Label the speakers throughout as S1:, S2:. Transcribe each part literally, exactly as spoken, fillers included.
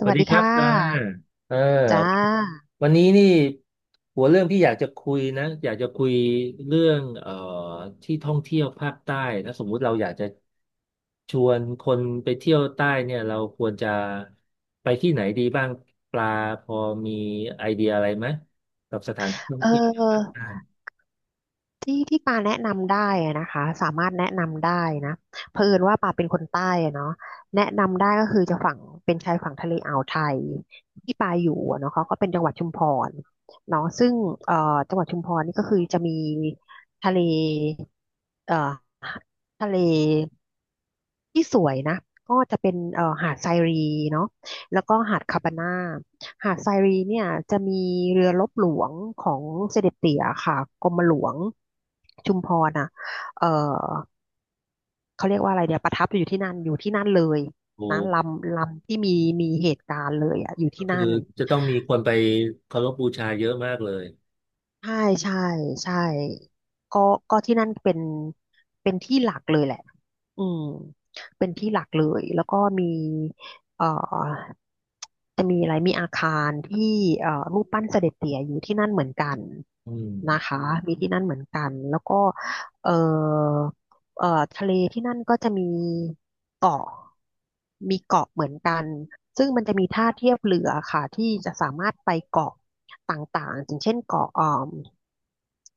S1: ส
S2: ส
S1: วั
S2: วั
S1: ส
S2: ส
S1: ดี
S2: ดี
S1: ครั
S2: ค่
S1: บอ่า
S2: ะ
S1: อ่า
S2: จ้า
S1: วันนี้นี่หัวเรื่องที่อยากจะคุยนะอยากจะคุยเรื่องเอ่อที่ท่องเที่ยวภาคใต้นะสมมุติเราอยากจะชวนคนไปเที่ยวใต้เนี่ยเราควรจะไปที่ไหนดีบ้างปลาพอมีไอเดียอะไรไหมกับสถานที่ท่อง
S2: เ
S1: เที่ยวภาค
S2: ออ
S1: ใต้
S2: ที่ที่ปาแนะนำได้อะนะคะสามารถแนะนำได้นะเผอิญว่าปาเป็นคนใต้อะเนาะแนะนำได้ก็คือจะฝั่งเป็นชายฝั่งทะเลอ่าวไทยที่ปาอยู่อะเนาะเขาก็เป็นจังหวัดชุมพรเนาะซึ่งเอ่อจังหวัดชุมพรนี่ก็คือจะมีทะเลเอ่อทะเล ที่สวยนะก็จะเป็นเอ่อหาดไซรีเนาะแล้วก็หาดคาปาน่าหาดไซรีเนี่ยจะมีเรือรบหลวงของเสด็จเตี่ยค่ะกรมหลวงชุมพรอ่ะเอ่อเขาเรียกว่าอะไรเดี๋ยวประทับอยู่ที่นั่นอยู่ที่นั่นเลย
S1: โอ้
S2: นะลำลำที่มีมีเหตุการณ์เลยอ่ะอยู่
S1: ก็
S2: ที่
S1: คือ
S2: นั่น
S1: จะต้องมีคนไปเคารพบูชาเยอะมากเลย
S2: ใช่ใช่ใช่ก็ก็ที่นั่นเป็นเป็นที่หลักเลยแหละอืมเป็นที่หลักเลยแล้วก็มีเอ่อจะมีอะไรมีอาคารที่เอ่อรูปปั้นเสด็จเตี่ยอยู่ที่นั่นเหมือนกัน
S1: อืม
S2: นะคะมีที่นั่นเหมือนกันแล้วก็เอ่อเอ่อทะเลที่นั่นก็จะมีเกาะมีเกาะเหมือนกัน ซึ่งมันจะมีท่าเทียบเรือค่ะที่จะสามารถไปเกาะต่างๆอย่างเช่นเกาะเอ่ม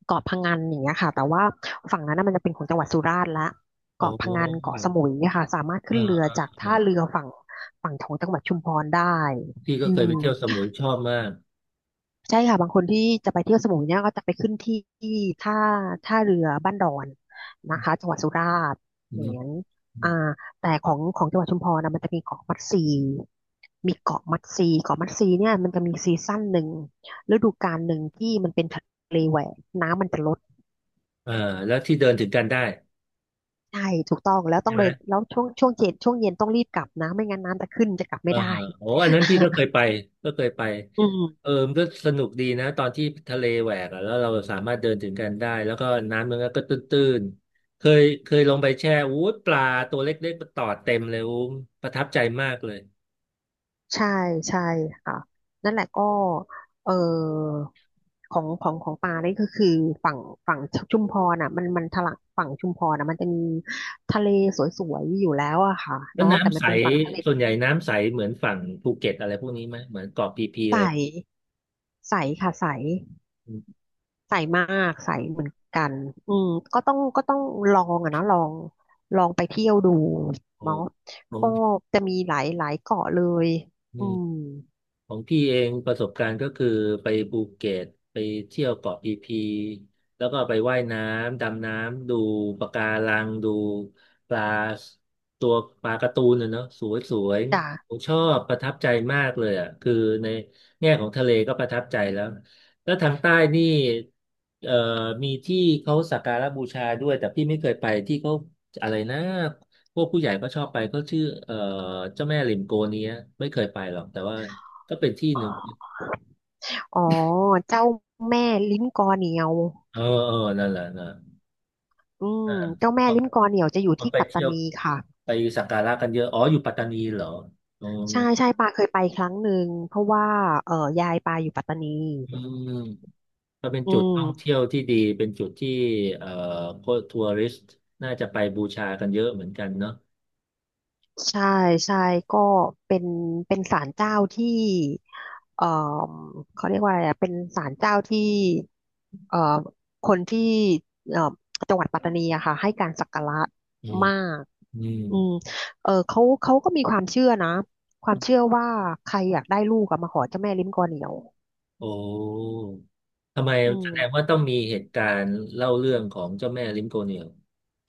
S2: เกาะพะงันอย่างเงี้ยค่ะแต่ว่าฝั่งนั้นนะมันจะเป็นของจังหวัดสุราษฎร์ละ
S1: โอ้
S2: เกาะ
S1: โห
S2: พะงันเกาะสมุยเนี่ยค่ะสามารถ
S1: เอ่า
S2: ขึ้นเรือ
S1: อ่า
S2: จาก
S1: อ
S2: ท่าเรือฝั่งฝั่งของจังหวัดชุมพรได้
S1: อพี่ก็
S2: อื
S1: เคยไป
S2: ม
S1: เที่ยวสมุยชอบมาก
S2: ใช่ค่ะบางคนที่จะไปเที่ยวสมุยเนี่ยก็จะไปขึ้นที่ที่ท่าท่าเรือบ้านดอนนะคะจังหวัดสุราษฎร์
S1: อื
S2: อย่างนั้
S1: ม
S2: นอ่าแต่ของของจังหวัดชุมพรนะมันจะมีเกาะมัดซีมีเกาะมัดซีเกาะมัดซีเนี่ยมันจะมีซีซั่นหนึ่งฤดูกาลหนึ่งที่มันเป็นทะเลแหวกน้ำมันจะลด
S1: เอ่อแล้วที่เดินถึงกันได้
S2: ใช่ถูกต้องแล้วต้
S1: ใช่
S2: อง
S1: ไหม
S2: เดินแล้วช่วงช่วงเย็นช่วงเย็นต้องรีบกลับนะไม่งั้นน้ำจะขึ้นจะกลับ
S1: เอ
S2: ไม่
S1: อ
S2: ได้
S1: โอ้อันนั้นพี่ก็เคยไปก็เคยไป
S2: อื
S1: เออ
S2: ม
S1: มันก็สนุกดีนะตอนที่ทะเลแหวกอะแล้วเราสามารถเดินถึงกันได้แล้วก็น้ำมันก็ตื้นๆเคยเคยลงไปแช่อู้ยปลาตัวเล็กๆมาตอดเต็มเลยอู้มประทับใจมากเลย
S2: ใช่ใช่ค่ะนั่นแหละก็เออของของของปลานี่ก็คือฝั่งฝั่งชุมพรอ่ะมันมันทะลักฝั่งชุมพรอ่ะมันจะมีทะเลสวยๆอยู่แล้วอะค่ะ
S1: แล้ว
S2: เนาะแต่
S1: น้ำ
S2: มั
S1: ใส
S2: นเป็นฝั่งทะเล
S1: ส่วนใหญ่น้ำใสเหมือนฝั่งภูเก็ตอะไรพวกนี้ไหมเหมือนเกาะพีพี
S2: ใส
S1: อะไร
S2: ใสค่ะใสใสมากใสเหมือนกันอืมก็ต้องก็ต้องลองอะนะลองลองไปเที่ยวดู
S1: โอ้
S2: เนาะ
S1: โห
S2: ก็จะมีหลายหลายเกาะเลยอืม
S1: ของพี่เองประสบการณ์ก็คือไปภูเก็ตไปเที่ยวเกาะพีพีแล้วก็ไปว่ายน้ำดำน้ำดูปะการังดูปลาตัวปลาการ์ตูนนะเนาะสวยสวย
S2: จ้ะ
S1: ผมชอบประทับใจมากเลยอ่ะคือในแง่ของทะเลก็ประทับใจแล้วแล้วทางใต้นี่เอ่อมีที่เขาสักการะบูชาด้วยแต่พี่ไม่เคยไปที่เขาอะไรนะพวกผู้ใหญ่ก็ชอบไปเขาชื่อเอ่อเจ้าแม่ริมโกเนี้ยไม่เคยไปหรอกแต่ว่า ก็เป็นที่หนึ่ง
S2: อ๋อเจ้าแม่ลิ้นกอเหนียว
S1: เออเออนั่นแหละนะ
S2: อื
S1: อ่า
S2: มเจ้า
S1: ค
S2: แม่
S1: น
S2: ลิ้มกอเหนี่ยวจะอยู่
S1: คน
S2: ที่
S1: ไป
S2: ปัต
S1: เที่
S2: ตา
S1: ยว
S2: นีค่ะ
S1: ไปสักการะกันเยอะ อ๋ออยู่ปัตตานีเหรออ๋อ
S2: ใช่ใช่ปาเคยไปครั้งหนึ่งเพราะว่าเอ่อยายปาอยู่ปัตตานี
S1: อืมก็เป็น
S2: อื
S1: จุด
S2: ม
S1: ท่องเที่ยวที่ดี เป็นจุดที่เอ่อพวกทัวริสต์น่าจะไปบูชากันเยอะเหมือนกันเนาะ
S2: ใช่ใช่ก็เป็นเป็นศาลเจ้าที่เอ่อเขาเรียกว่าอะไรอะเป็นศาลเจ้าที่เอ่อคนที่เอ่อจังหวัดปัตตานีอะค่ะให้การสักการะ
S1: อืม
S2: มาก
S1: อืม
S2: อืมเออเขาเขาก็มีความเชื่อนะความเชื่อว่าใครอยากได้ลูกอะมาขอเจ้าแม่ลิ้มกอเหนียว
S1: โอ้ทำไม
S2: อื
S1: แสดง
S2: ม
S1: ว่าต้องมีเหตุการณ์เล่าเรื่องของเจ้าแม่ลิมโกเนียล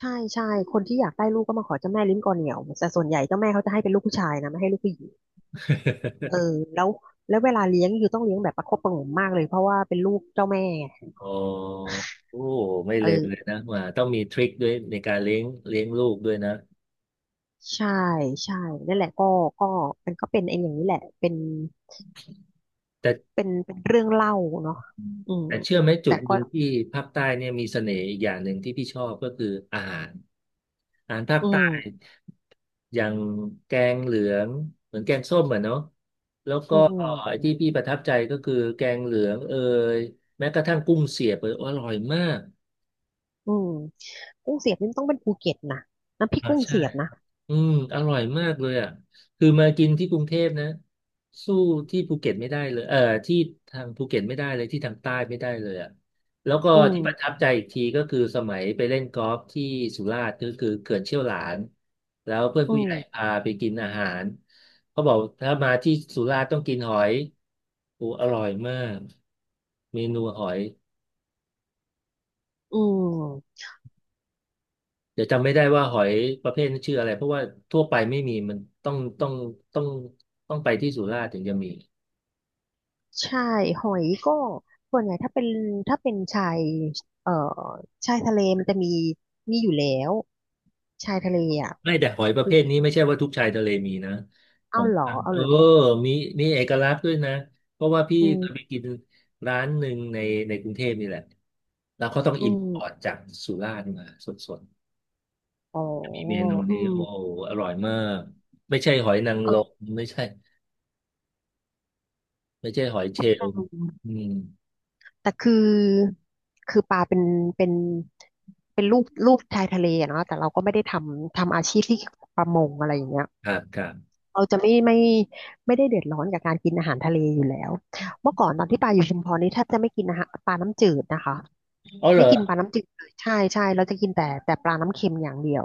S2: ใช่ใช่คนที่อยากได้ลูกก็มาขอเจ้าแม่ลิ้นกอเหนี่ยวแต่ส่วนใหญ่เจ้าแม่เขาจะให้เป็นลูกผู้ชายนะไม่ให้ลูกผู้หญิงเออแล้วแล้วเวลาเลี้ยงคือยูต้องเลี้ยงแบบประคบประหงมมากเลยเพราะว่าเป็นลูกเจ้าแม่ไง
S1: อ๋อโอ้ไม่
S2: เอ
S1: เลว
S2: อ
S1: เลยนะว่าต้องมีทริคด้วยในการเลี้ยงเลี้ยงลูกด้วยนะ
S2: ใช่ใช่นั่นแหละก็ก็มันก็เป็นไอ้อย่างนี้แหละเป็น
S1: แต่
S2: เป็นเป็นเรื่องเล่าเนาะอืม
S1: แต่เชื่อไหมจุ
S2: แต่
S1: ดห
S2: ก็
S1: นึ่งที่ภาคใต้เนี่ยมีเสน่ห์อีกอย่างหนึ่งที่พี่ชอบก็คืออาหารอาหารภาค
S2: อื
S1: ใต้
S2: ม
S1: อย่างแกงเหลืองเหมือนแกงส้มอ่ะเนาะแล้วก็
S2: อื
S1: ไอ้
S2: ม
S1: ที่พี่ประทับใจก็คือแกงเหลืองเอยแม้กระทั่งกุ้งเสียบเอยอร่อยมาก
S2: อืมกุ้งเสียบนี่มันต้องเป็นภูเก็ตนะน้ำพริก
S1: อ่า
S2: กุ้ง
S1: ใช่
S2: เสียบนะ
S1: อืมอร่อยมากเลยอ่ะคือมากินที่กรุงเทพนะสู้ที่ภูเก็ตไม่ได้เลยเอ่อที่ทางภูเก็ตไม่ได้เลยที่ทางใต้ไม่ได้เลยอ่ะแล้วก็
S2: อืม
S1: ที่ประทับใจอีกทีก็คือสมัยไปเล่นกอล์ฟที่สุราษฎร์ก็คือเขื่อนเชี่ยวหลานแล้วเพื่อน
S2: อื
S1: ผู้ใหญ่
S2: ม
S1: พาไปกินอาหารเขาบอกถ้ามาที่สุราษฎร์ต้องกินหอยโอ้อร่อยมากเมนูหอย
S2: อืม
S1: เดี๋ยวจำไม่ได้ว่าหอยประเภทนั้นชื่ออะไรเพราะว่าทั่วไปไม่มีมันต้องต้องต้องต้องไปที่สุราษฎร์ถึงจะมี
S2: ใช่หอยก็ส่วนใหญ่ถ้าเป็นถ้าเป็นชายเอ่อชายทะเลมันจะมีมีอยู่แล้วชายทะเลอ่ะ
S1: ไม่แต่หอยประ
S2: คื
S1: เภ
S2: อ
S1: ทนี้ไม่ใช่ว่าทุกชายทะเลมีนะขอ
S2: เอ้า
S1: ง
S2: เหรอ
S1: ทาง
S2: เอา
S1: เออ
S2: เหรอ
S1: มีมีเอกลักษณ์ด้วยนะเพราะว่าพี่
S2: อืม
S1: เคยไปกินร้านหนึ่งในในกรุงเทพนี่แหละแล้วเขาต้อง
S2: อื
S1: อิมพ
S2: ม
S1: อร์ตจากสุราษฎร์มาสด
S2: อ๋อ
S1: ๆมีเมนู
S2: อื
S1: นี้
S2: ม
S1: โอ้โหอร่อยมากไม่ใช่หอยนาง
S2: เอ
S1: รม
S2: อ
S1: ไม่ใช่ไม่ใช่หอยเชล
S2: แ
S1: ล์อืม
S2: ต่คือคือปลาเป็นเป็นเป็นรูปรูปชายทะเลอะเนาะแต่เราก็ไม่ได้ทำทำอาชีพที่เกี่ยวกับประมงอะไรอย่างเงี้ย
S1: ครับครับ
S2: เราจะไม่ไม่ไม่ได้เดือดร้อนกับการกินอาหารทะเลอยู่แล้วเมื่อก่อนตอนที่ปาอยู่ชุมพรนี่แทบจะไม่กินอาหารปลาน้ำจืดนะคะ
S1: อ๋อเหร
S2: ไม่
S1: อ
S2: กินปลาน้ำจืดเลยใช่ใช่เราจะกินแต่แต่ปลาน้ำเค็มอย่างเดียว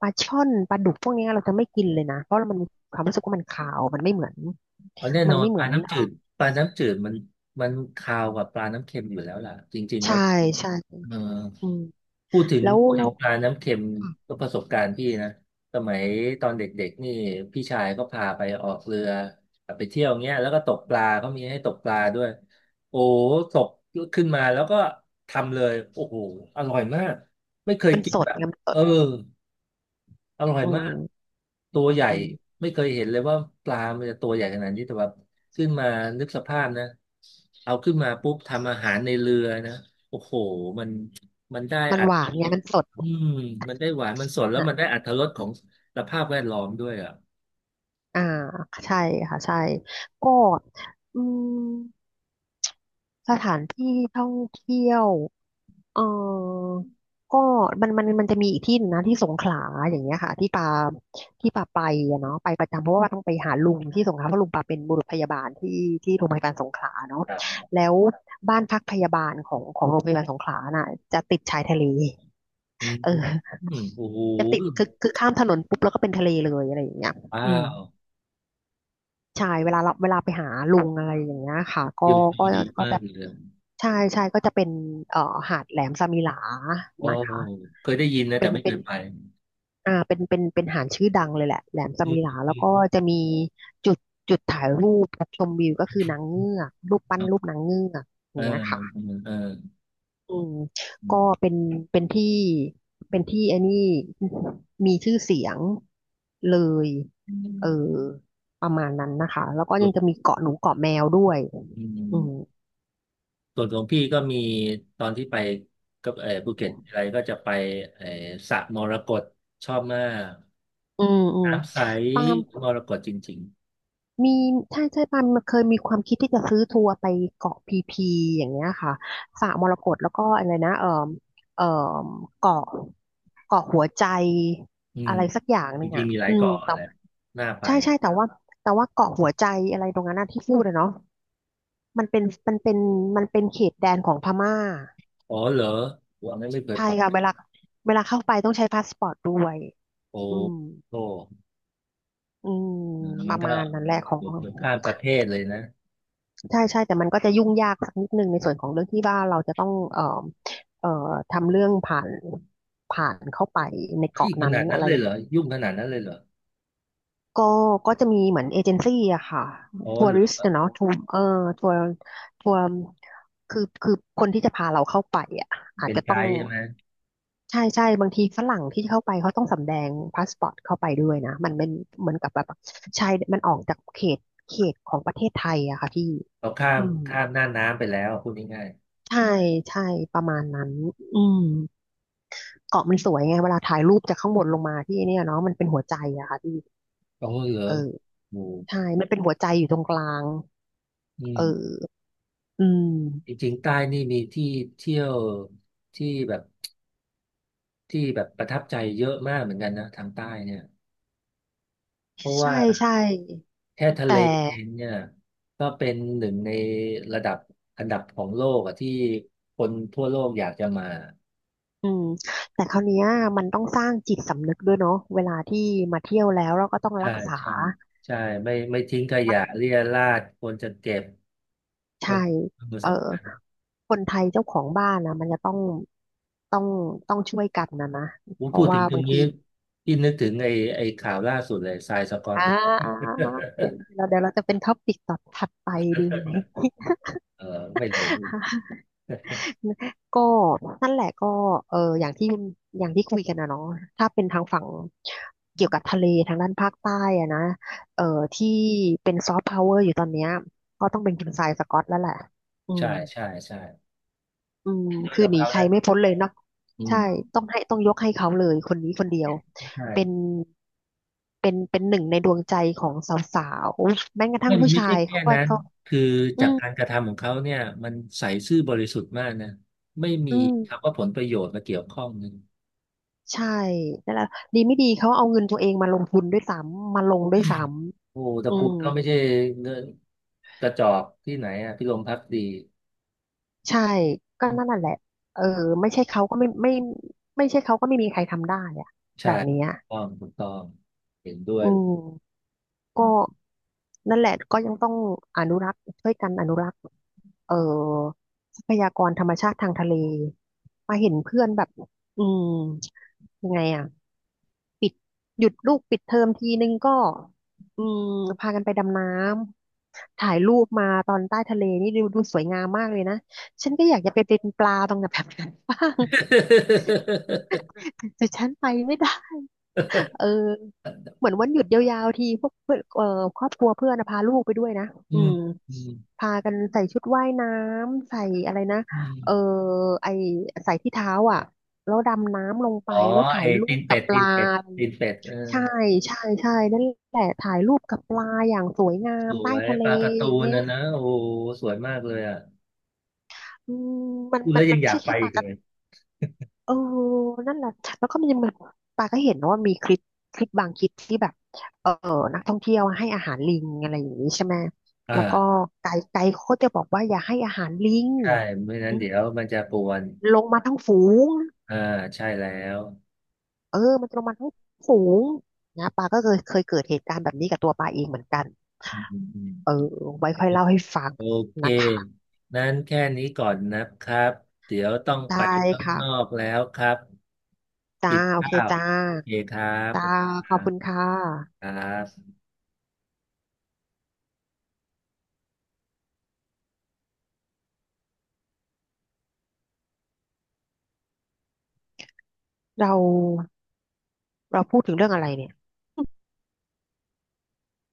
S2: ปลาช่อนปลาดุกพวกเนี้ยเราจะไม่กินเลยนะเพราะมันมีความรู้สึกว่ามันคาวมันไม่เหมือน
S1: อ๋อแน่
S2: มั
S1: น
S2: น
S1: อน
S2: ไม่เห
S1: ป
S2: มื
S1: ลา
S2: อน
S1: น้ำจืดปลาน้ำจืดมันมันคาวกว่าปลาน้ำเค็มอยู่แล้วล่ะจริงๆแล้
S2: ใช่
S1: ว
S2: ใช่
S1: เออ
S2: อืม
S1: พูดถึง
S2: แล้ว
S1: พูด
S2: แล้
S1: ถึ
S2: ว
S1: งปลาน้ำเค็มก็ประสบการณ์พี่นะสมัยตอนเด็กๆนี่พี่ชายก็พาไปออกเรือไปเที่ยวเงี้ยแล้วก็ตกปลาเขามีให้ตกปลาด้วยโอ้ตกขึ้นมาแล้วก็ทำเลยโอ้โหอร่อยมากไม่เคย
S2: มัน
S1: กิ
S2: ส
S1: น
S2: ด
S1: แบบ
S2: ไงมันส
S1: เอ
S2: ด
S1: อ อร่อย
S2: อื
S1: มาก
S2: ม
S1: ตัวใหญ่
S2: อืม
S1: ไม่เคยเห็นเลยว่าปลามันจะตัวใหญ่ขนาดนี้แต่ว่าขึ้นมานึกสภาพนะเอาขึ้นมาปุ๊บทำอาหารในเรือนะโอ้โห มันมันได้
S2: มัน
S1: อัต
S2: หวา
S1: ร
S2: น
S1: ส
S2: ไงมันสด
S1: อืมมันได้หวานมันสดแล้ว
S2: อ่ะ
S1: มันได้อัตรสของสภาพแวดล้อมด้วยอ่ะ
S2: อ่าใช่ค่ะใช่ก็อืม สถานที่ท่องเที่ยวเออก็มันมันมันจะมีอีกที่หนึ่งนะที่สงขลาอย่างเงี้ยค่ะที่ปาที่ปาไปอะเนาะไปประจำเพราะว่าต้องไปหาลุงที่สงขลาเพราะลุงปาเป็นบุรุษพยาบาลที่ที่โรงพยาบาลสงขลาเนาะ
S1: ครับ
S2: แล้วบ้านพักพยาบาลของของโรงพยาบาลสงขลาน่ะจะติดชายทะเล
S1: อืม
S2: เออ
S1: อืมโอ้โห
S2: จะติดคือคือข้ามถนนปุ๊บแล้วก็เป็นทะเลเลยอะไรอย่างเงี้ย
S1: ว้า
S2: อืม
S1: ว
S2: ใช่เวลาเราเวลาไปหาลุงอะไรอย่างเงี้ยค่ะก็
S1: วิวด
S2: ก็
S1: ดี
S2: ก็
S1: มา
S2: จะ
S1: กเลย
S2: ใช่ใช่ก็จะเป็นเอ่อหาดแหลมสมิหลา
S1: โอ้
S2: นะคะ
S1: เคยได้ยินนะ
S2: เป็
S1: แต่
S2: น
S1: ไม่เค
S2: เป็น
S1: ยไป
S2: อ่าเป็นเป็นเป็นหาดชื่อดังเลยแหละแหลมส
S1: อื
S2: มิ
S1: ม
S2: หลา
S1: อื
S2: แล้วก็
S1: ม
S2: จะมีจุดจุดถ่ายรูปชมวิวก็คือนางเงือกรูปปั้
S1: ค
S2: น
S1: รั
S2: รู
S1: บ
S2: ปนางเงือกอ
S1: เอ
S2: ย่า
S1: อ
S2: งเงี้ยค่ะ
S1: เออเออ
S2: อืม
S1: อื
S2: ก็
S1: ม
S2: เป็นเป็นที่เป็นที่ไอนนี่มีชื่อเสียงเลยเออประมาณนั้นนะคะ แล้วก็
S1: สุ
S2: ยั
S1: ด
S2: งจะมีเกาะหนูเกาะแมวด้วย
S1: อื
S2: อืม
S1: ม ส่วนของพี่ก็มีตอนที่ไปกับเออภูเก็ตอะไรก็จะไปเออสระมรกตชอบมาก
S2: อืมอืม
S1: น้ำใส
S2: ปาล์ม
S1: มรกตจริง
S2: มีใช่ใช่ปาล์มเคยมีความคิดที่จะซื้อทัวร์ไปเกาะพีพีอย่างเงี้ยค่ะสระมรกตแล้วก็อะไรนะเอ่อเอ่อเกาะเกาะหัวใจ
S1: ๆอืม
S2: อะไรสักอย่างห
S1: จ
S2: นึ่ง
S1: ริง
S2: อ่ะ
S1: ๆมีหลาย
S2: อืม
S1: เกาะ
S2: แต่
S1: แหละน่าไป
S2: ใช่ใช่แต่ว่าแต่ว่าเกาะหัวใจอะไรตรงนั้นนะที่พูดอะเนาะมันเป็นมันเป็นมันเป็นเขตแดนของพม่า
S1: อ๋อเหรอวันนั้นไม่เคย
S2: ใช่
S1: ไป
S2: ค่ะเวลาเวลาเข้าไปต้องใช้พาสปอร์ตด้วย
S1: โอ้
S2: อืม
S1: โห
S2: อืมป
S1: มัน
S2: ระ
S1: ก็
S2: มาณนั้นแหละขอ
S1: อ
S2: ง
S1: ยู่เกือบข้ามประเทศเลยนะ
S2: ใช่ใช่แต่มันก็จะยุ่งยากสักนิดนึงในส่วนของเรื่องที่ว่าเราจะต้องเอ่อเอ่อทำเรื่องผ่านผ่านเข้าไปใน
S1: เฮ้ย
S2: เกาะ
S1: ข
S2: นั้น
S1: นาดนั้
S2: อะ
S1: น
S2: ไร
S1: เลยเหรอยุ่งขนาดนั้นเลยเหรอ
S2: ก็ก็จะมีเหมือนเอเจนซี่อะค่ะ
S1: อ๋อ
S2: ทัว
S1: เหร
S2: ริสต์
S1: อ
S2: เนาะทัวร์เออทัวร์ทัวร์คือคือคนที่จะพาเราเข้าไปอะอาจ
S1: เป็น
S2: จะ
S1: ไก
S2: ต้อง
S1: ด์ใช่ไหม
S2: ใช่ใช่บางทีฝรั่งที่เข้าไปเขาต้องสำแดงพาสปอร์ตเข้าไปด้วยนะมันเป็นเหมือนกับแบบชายมันออกจากเขตเขตของประเทศไทยอะค่ะพี่
S1: เขาข้าม
S2: อืม
S1: ข้ามหน้าน้ำไปแล้วพูดง่าย
S2: ใช่ใช่ประมาณนั้นอืมเกาะมันสวยไงเวลาถ่ายรูปจากข้างบนลงมาที่เนี่ยเนาะมันเป็นหัวใจอะค่ะพี่
S1: ๆอ๋อเหรอ
S2: เออ
S1: โอ้
S2: ใช่มันเป็นหัวใจอยู่ตรงกลาง
S1: อืม
S2: เออ อืม
S1: จริงๆใต้นี่มีที่เที่ยวที่แบบที่แบบประทับใจเยอะมากเหมือนกันนะทางใต้เนี่ยเพราะ
S2: ใช่
S1: ว่า
S2: ใช่
S1: แค่ทะเล
S2: แต่
S1: เองเนี่ยก็เป็นหนึ่งในระดับอันดับของโลกอะที่คนทั่วโลกอยากจะมา
S2: อืมแต่คราวเนี้ยมันต้องสร้างจิตสำนึกด้วยเนาะเวลาที่มาเที่ยวแล้วเราก็ต้องรั
S1: ใช่
S2: กษา
S1: ใช่ใช่ไม่ไม่ทิ้งขยะเรี่ยราดควรจะเก็บคว
S2: ใช่
S1: รควร
S2: เออ
S1: สำคัญ
S2: คนไทยเจ้าของบ้านนะมันจะต้องต้องต้องช่วยกันนะนะ
S1: ผม
S2: เพ
S1: พู
S2: ราะ
S1: ดถึ
S2: ว่า
S1: งตร
S2: บา
S1: ง
S2: ง
S1: นี้
S2: ที
S1: ที่นึกถึงไอ้ไอ้ข่าวล่าสุดเลยทรายสกอต
S2: อ่าอ่าอ่าเดี๋ยวเราเดี๋ยวเราจะเป็นท็อปิกต่อถัดไปดีไหม
S1: เออไม่เลว
S2: ก็นั่นแหละก็เอออย่างที่อย่างที่คุยกันนะเนาะถ้าเป็นทางฝั่งเกี่ยวกับทะเลทางด้านภาคใต้อะนะเออที่เป็นซอฟต์พาวเวอร์อยู่ตอนเนี้ยก็ต้องเป็นคุณทรายสกอตแล้วแหละอื
S1: ใช่
S2: ม
S1: ใช่ใช่
S2: อืม
S1: ด้วย
S2: คือ
S1: กับ
S2: หนี
S1: เขา
S2: ใคร
S1: นะ
S2: ไม่พ้นเลยเนาะ
S1: อื
S2: ใช่
S1: ม
S2: ต้องให้ต้องยกให้เขาเลยคนนี้คนเดียว
S1: ใช่
S2: เป็นเป็นเป็นหนึ่งในดวงใจของสาวๆแม้กระทั่
S1: ไม่
S2: งผู้
S1: ไม่
S2: ชา
S1: ใช่
S2: ย
S1: แค่
S2: เขาก็
S1: นั้น
S2: เขา
S1: คือ
S2: อื
S1: จาก
S2: ม
S1: การกระทำของเขาเนี่ยมันใสซื่อบริสุทธิ์มากนะไม่มี
S2: อืม
S1: คำว่าผลประโยชน์มาเกี่ยวข้องนึง
S2: ใช่นั่นแหละดีไม่ดีเขาเอาเงินตัวเองมาลงทุนด้วยซ้ำมาลงด้วยซ้
S1: โอ้ต
S2: ำอื
S1: ระกูล
S2: ม
S1: เขาไม่ใช่เงินกระจอกที่ไหนอ่ะพิรมพักดี
S2: ใช่ก็นั่นน่ะแหละเออไม่ใช่เขาก็ไม่ไม่ไม่ใช่เขาก็ไม่มีใครทำได้อะ
S1: ใช่
S2: แบบ
S1: ถู
S2: เนี้
S1: ก
S2: ย
S1: ต้องถูกต้องเห็นด้วย
S2: อืมก็นั่นแหละก็ยังต้องอนุรักษ์ช่วยกันอนุรักษ์เอ่อทรัพยากรธรรมชาติทางทะเลมาเห็นเพื่อนแบบอืมยังไงอ่ะ ปิดหยุดลูกปิดเทอมทีนึงก็อืมพากันไปดำน้ำถ่ายรูปมาตอนใต้ทะเลนี่ดูดูสวยงามมากเลยนะฉันก็อยากจะไปเป็นปลาตรงแบบนั้นบ้าง แต่ฉันไปไม่ได้เออเหมือนวันหยุดยาวๆทีพวกเพื่อนเอ่อครอบครัวเพื่อนนะพาลูกไปด้วยนะ
S1: อื
S2: อื
S1: ม
S2: ม
S1: อืม
S2: พากันใส่ชุดว่ายน้ำใส่อะไรนะ
S1: อืม
S2: เออไอใส่ที่เท้าอ่ะแล้วดำน้ำลงไป
S1: อ๋อ
S2: แล้วถ่า
S1: ไอ้
S2: ยรู
S1: ตี
S2: ป
S1: น
S2: กั
S1: เป็
S2: บ
S1: ด
S2: ป
S1: ตี
S2: ลา
S1: นเป็ดตีนเป็ดเออ
S2: ใช่ใช่ใช่นั่นแหละถ่ายรูปกับปลาอย่างสวยงา
S1: ส
S2: มใต้
S1: วย
S2: ทะเล
S1: ปลาการ์ตู
S2: อย่าง
S1: น
S2: เงี้ย
S1: นะนะโอ้โหสวยมากเลยอ่ะ
S2: อืมมัน
S1: พูด
S2: มั
S1: แล้
S2: น
S1: ว
S2: มั
S1: ยั
S2: น
S1: งอ
S2: ไม่
S1: ยาก
S2: ใช่
S1: ไป
S2: แค่ป
S1: อี
S2: ลา
S1: ก
S2: ก
S1: เลย
S2: ระเออนั่นแหละแล้วก็มันยังมีปลาก็เห็นนะว่ามีคลิปคลิปบางคลิปที่แบบเออนักท่องเที่ยวให้อาหารลิงอะไรอย่างนี้ใช่ไหมแล้วก็
S1: อ่า
S2: ไกด์ไกด์เขาก็จะบอกว่าอย่าให้อาหารลิง
S1: ใช่ไม่งั้
S2: อื
S1: น
S2: ม
S1: เดี๋ยวมันจะปวน
S2: ลงมาทั้งฝูง
S1: อ่าใช่แล้ว
S2: เออมันจะลงมาทั้งฝูงนะปลาก็เคยเคยเกิดเหตุการณ์แบบนี้กับตัวปลาเองเหมือนกัน
S1: อืมอืมอืม
S2: เออไว้ค่อยเล่าให้ฟัง
S1: โอเค
S2: นะคะ
S1: นั้นแค่นี้ก่อนนะครับ เดี๋ยวต้องไป
S2: ได้
S1: ข้างนอ
S2: ค่ะ
S1: กแล้วครับปิ
S2: จ้า
S1: ด
S2: โอเค
S1: ข้าว
S2: จ้า
S1: โอเคครับข
S2: จ้า
S1: อบคุณค
S2: ข
S1: รั
S2: อบ
S1: บ
S2: คุณค่
S1: ค
S2: ะ
S1: รับ
S2: เราเราพูดถึงเรื่องอะไรเนี่ย